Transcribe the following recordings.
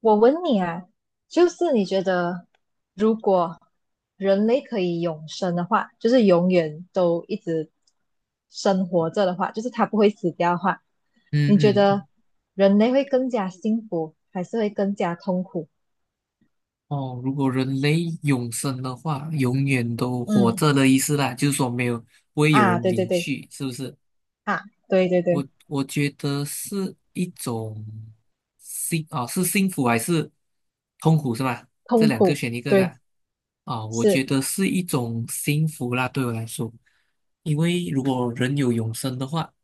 我问你啊，就是你觉得如果人类可以永生的话，就是永远都一直生活着的话，就是它不会死掉的话，嗯你觉嗯。得人类会更加幸福，还是会更加痛苦？哦，如果人类永生的话，永远都活嗯，着的意思啦，就是说没有，不会有啊，人对对离对。去，是不是？啊，对对我对。我觉得是一种是幸福还是痛苦是吧？这痛两个苦。选一个对。的我觉是。得是一种幸福啦，对我来说，因为如果人有永生的话，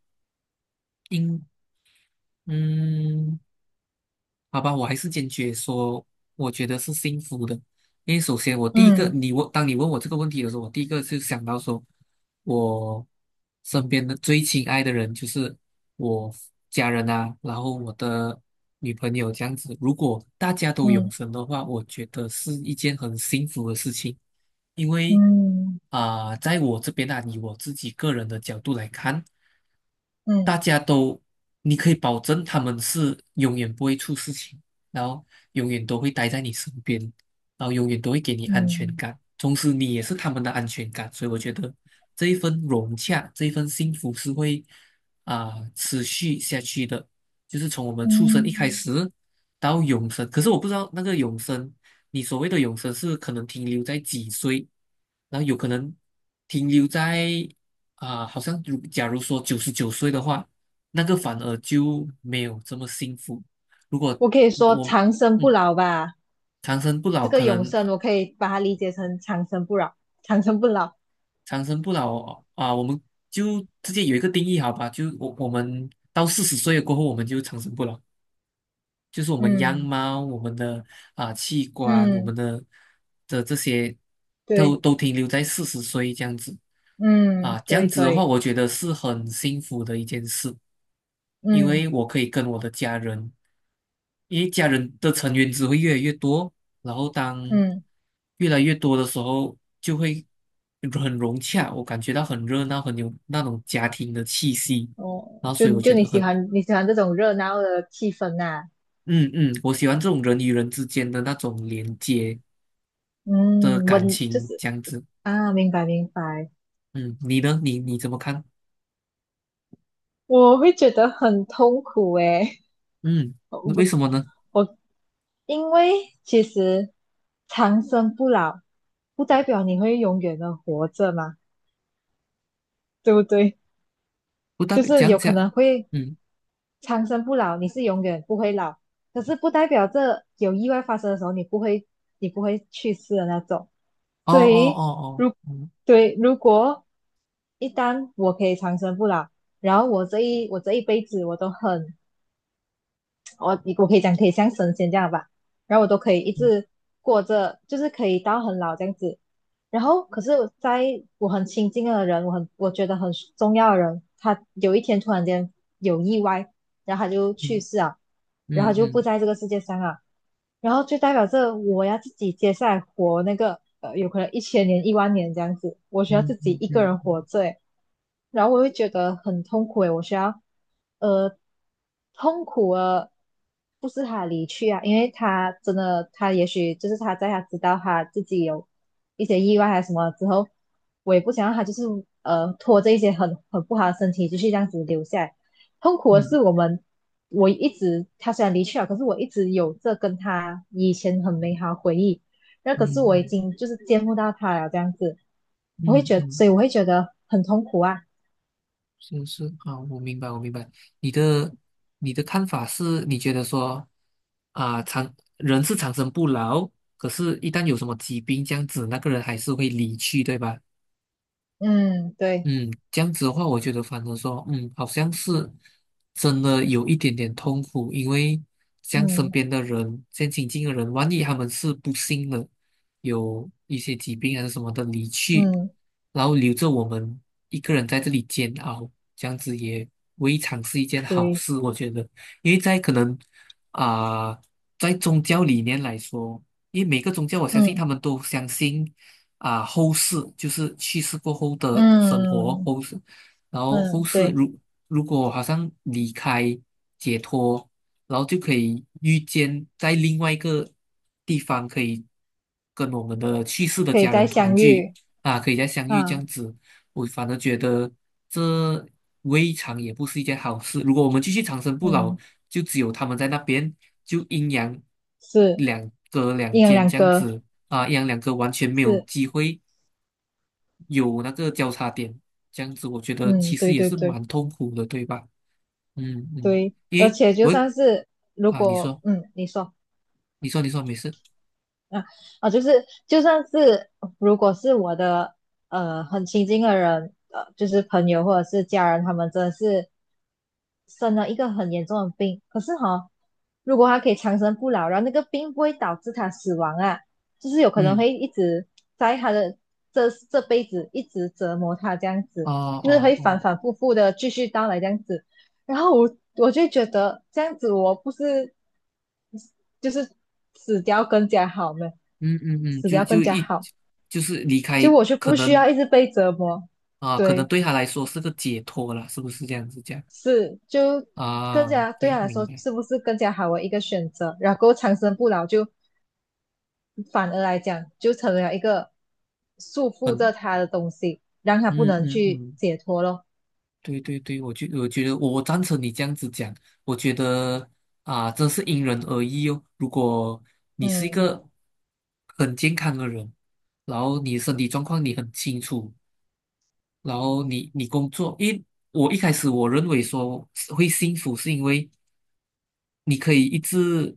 应嗯。好吧，我还是坚决说，我觉得是幸福的。因为首先，我第一个，嗯你问，当你问我这个问题的时候，我第一个就想到说，我身边的最亲爱的人就是我家人啊，然后我的女朋友这样子。如果大家都永嗯生的话，我觉得是一件很幸福的事情。因为嗯在我这边啊，以我自己个人的角度来看，大嗯家都，你可以保证他们是永远不会出事情，然后永远都会待在你身边，然后永远都会给你安全嗯感，同时你也是他们的安全感，所以我觉得这一份融洽，这一份幸福是会啊、持续下去的，就是从我们出生嗯。一开嗯，始到永生。可是我不知道那个永生，你所谓的永生是可能停留在几岁，然后有可能停留在。啊，好像假如说99岁的话，那个反而就没有这么幸福。如果我可以说我长生不嗯老吧。长生不老，这个可永能生，我可以把它理解成长生不老，长生不老。长生不老啊，我们就直接有一个定义好吧？就我们到四十岁过后，我们就长生不老，就是我们样嗯貌、我们的器官、我们嗯，的的这些都对。都停留在四十岁这样子啊，嗯，这样对，子可的话，以。我觉得是很幸福的一件事。因为嗯我可以跟我的家人。因为家人的成员只会越来越多，然后当嗯。越来越多的时候，就会很融洽，我感觉到很热闹，很有那种家庭的气息，哦，然后就所以我就觉你得喜很，欢你喜欢这种热闹的气氛呐、嗯我喜欢这种人与人之间的那种连接的嗯，我感就情，是这样子。啊，明白明白。嗯，你呢？你怎么看？我会觉得很痛苦诶，嗯，我为不什么呢？我因为其实长生不老不代表你会永远的活着嘛，对不对？不代就表是讲有可能讲。会嗯，长生不老，你是永远不会老，可是不代表这有意外发生的时候你不会去世的那种。哦哦所哦以哦，如嗯对如果一旦我可以长生不老，然后我这一辈子我都很我可以讲可以像神仙这样吧，然后我都可以一直过着，就是可以到很老这样子。然后可是，在我很亲近的人，我觉得很重要的人，他有一天突然间有意外，然后他就去嗯世啊，然后就不嗯在这个世界上啊，然后就代表着我要自己接下来活那个有可能一千年、一万年这样子，我需要嗯自己嗯一个嗯人活嗯着诶，然后我会觉得很痛苦诶，我需要呃痛苦啊，不是他的离去啊，因为他真的他也许就是他在他知道他自己有一些意外还是什么之后，我也不想让他就是拖着一些很不好的身体继续这样子留下来。痛苦的嗯是我们，我一直他虽然离去了，可是我一直有这跟他以前很美好的回忆。那嗯嗯可是嗯我已嗯嗯。经就是见不到他了，这样子，嗯嗯我会嗯嗯觉得，所嗯。以我会觉得很痛苦啊。是是啊，我明白，我明白。你的你的看法是，你觉得说啊，长人是长生不老，可是一旦有什么疾病这样子，那个人还是会离去，对吧？嗯，对。嗯，这样子的话，我觉得反而说，好像是真的有一点点痛苦，因为像身嗯边的人，像亲近的人，万一他们是不幸的，有一些疾病还是什么的离去，嗯，然后留着我们一个人在这里煎熬，这样子也未尝是一件好对。事，我觉得，因为在可能啊、在宗教理念来说，因为每个宗教我相信他嗯们都相信。后世，就是去世过后的生活嗯后世，然后后嗯，世对。如果好像离开解脱，然后就可以遇见在另外一个地方，可以跟我们的去世的可以家再人团相聚遇。啊，可以再相遇这啊，样子。我反而觉得这未尝也不是一件好事。如果我们继续长生不老，嗯，就只有他们在那边，就阴阳是，两隔两一人间两这样个。子，啊，一样两个完全没有是。机会有那个交叉点，这样子我觉得嗯，其实对也对是对蛮痛苦的，对吧？嗯嗯。对。因而为且就我会算是如啊，你果，说，嗯，你说。你说，你说，没事。啊，啊，就是就算是如果是我的很亲近的人，就是朋友或者是家人，他们真的是生了一个很严重的病，可是哈、如果他可以长生不老，然后那个病不会导致他死亡啊，就是有可能嗯，会一直在他的这辈子一直折磨他这样哦子，就是哦会反哦，反复复的继续到来这样子。然后我就觉得这样子我不是就是死掉更加好呢，嗯嗯嗯，死掉更加好，就是离就开，我就可不需能要一直被折磨。啊，可能对。对他来说是个解脱了，是不是这样子讲是，就更啊加对？OK，他来明说白。是不是更加好的一个选择？然后长生不老就反而来讲就成了一个束缚嗯着他的东西，让他不嗯能嗯去嗯，解脱咯。对对对，我觉得我赞成你这样子讲，我觉得啊，真是因人而异哦。如果你是一嗯个很健康的人，然后你身体状况你很清楚，然后你工作，我一开始我认为说是会幸福是因为你可以一直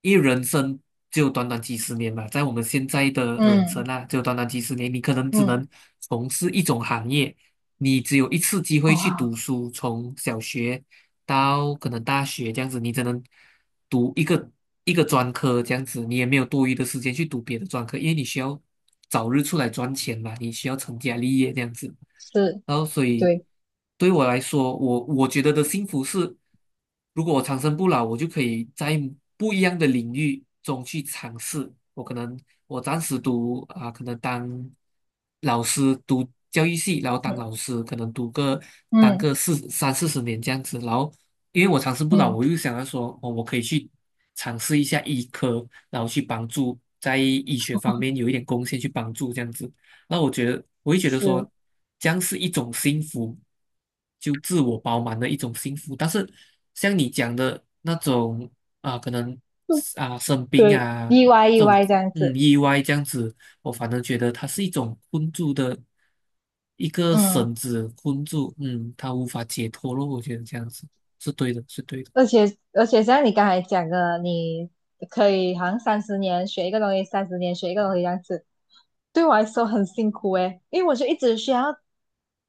因为人生就短短几十年嘛，在我们现在的人生嗯啊，就短短几十年，你可能只嗯。嗯，能从事一种行业，你只有一次机会去读哦，书，从小学到可能大学这样子，你只能读一个专科这样子，你也没有多余的时间去读别的专科，因为你需要早日出来赚钱嘛，你需要成家立业这样子，是，然后所以对。对我来说，我觉得的幸福是。如果我长生不老，我就可以在不一样的领域中去尝试。我可能我暂时可能当老师读教育系，然后当老嗯师，可能读个当嗯个四三四十年这样子。然后因为我长生不老，嗯，我又想要说，哦，我可以去尝试一下医科，然后去帮助在医学方面有一点贡献，去帮助这样子。那我觉得，我会觉得说，是，这样是一种幸福，就自我饱满的一种幸福。但是像你讲的那种啊，可能啊生病对，啊意外意这种外这样子。意外这样子，我反而觉得它是一种困住的一个嗯。绳子困住，嗯，他无法解脱咯。我觉得这样子是对的，是对的。而且，而且像你刚才讲的，你可以好像三十年学一个东西，三十年学一个东西这样子，对我来说很辛苦诶，因为我就一直需要，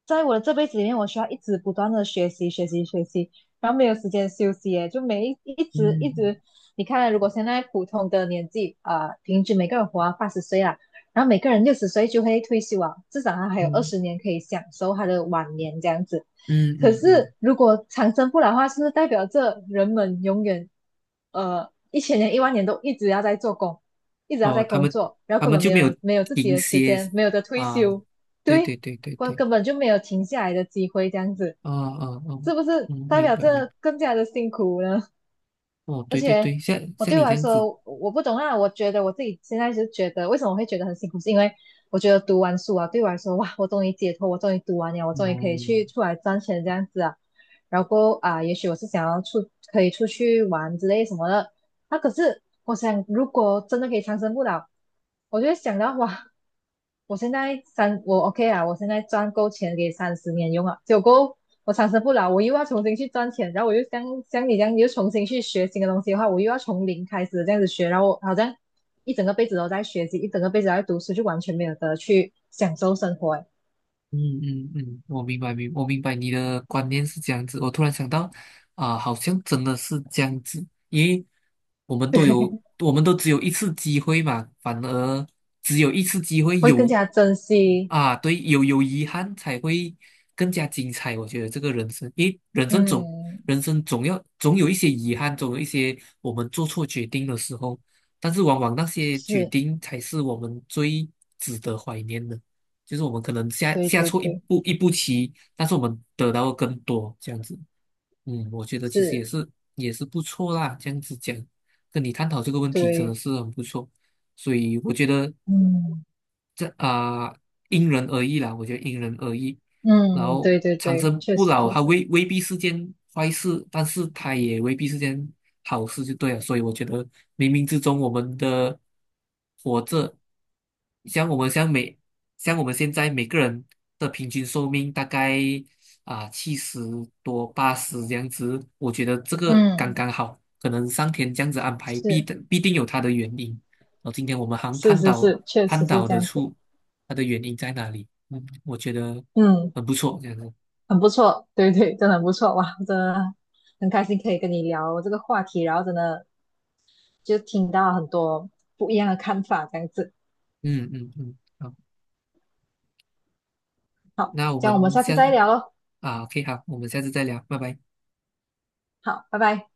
在我的这辈子里面，我需要一直不断的学习学习学习，然后没有时间休息诶，就每一一直一嗯直，你看，如果现在普通的年纪啊、平均每个人活到80岁啦，然后每个人60岁就会退休啊，至少他还有二嗯十年可以享受他的晚年这样子。嗯可嗯嗯，是如果长生不老的话，是不是代表着人们永远一千年、一万年都一直要在做工，一直要哦，在他工们作，然后他根们本就没没有有没有自己停的时歇间，没有的退啊，休。对对。对对对根对。根本就没有停下来的机会，这样子，啊啊啊，是不是嗯，代明表白明白。着更加的辛苦呢？哦，而对对且，对，像我像对我你这来样子，说，我不懂啊。我觉得我自己现在就觉得，为什么会觉得很辛苦，是因为我觉得读完书啊，对我来说，哇，我终于解脱，我终于读完了，我终于可哦，以去出来赚钱这样子啊。然后啊，也许我是想要出，可以出去玩之类什么的。那、可是我想，如果真的可以长生不老，我就会想到哇，我 OK 啊，我现在赚够钱给三十年用啊，结果我长生不老，我又要重新去赚钱，然后我又像像你这样，你又重新去学新的东西的话，我又要从零开始这样子学，然后我好像一整个辈子都在学习，一整个辈子都在读书，就完全没有得去享受生活诶，嗯嗯嗯，我明白你的观念是这样子。我突然想到，好像真的是这样子，因为我们都有，我们都只有一次机会嘛，反而只有一次机会会更有加珍惜。啊，对，有遗憾才会更加精彩。我觉得这个人生，因为人生总嗯，人生总要总有一些遗憾，总有一些我们做错决定的时候，但是往往那些决是，定才是我们最值得怀念的。就是我们可能下对下对错一对。步一步棋，但是我们得到的更多这样子。嗯，我觉得其实也是。是也是不错啦，这样子讲，跟你探讨这个问题真的对。是很不错。所以我觉得嗯这啊、因人而异啦，我觉得因人而异。然嗯，后对对长对，生确不实老，确它实。未必是件坏事，但是它也未必是件好事，就对了。所以我觉得冥冥之中，我们的活着，像我们像每像我们现在每个人的平均寿命大概七十多八十这样子，我觉得这个刚嗯，刚好，可能上天这样子安排，必是定必定有它的原因。哦，今天我们好像是探是讨是，确探实是讨这得样子。出它的原因在哪里。嗯，我觉得嗯。很不错，这样子。很不错，对对，真的很不错哇，真的很开心可以跟你聊这个话题，然后真的就听到很多不一样的看法，这样子。嗯嗯嗯，好，好，那我这样我们们下次下再聊喽。啊，OK，好，我们下次再聊，拜拜。好，拜拜。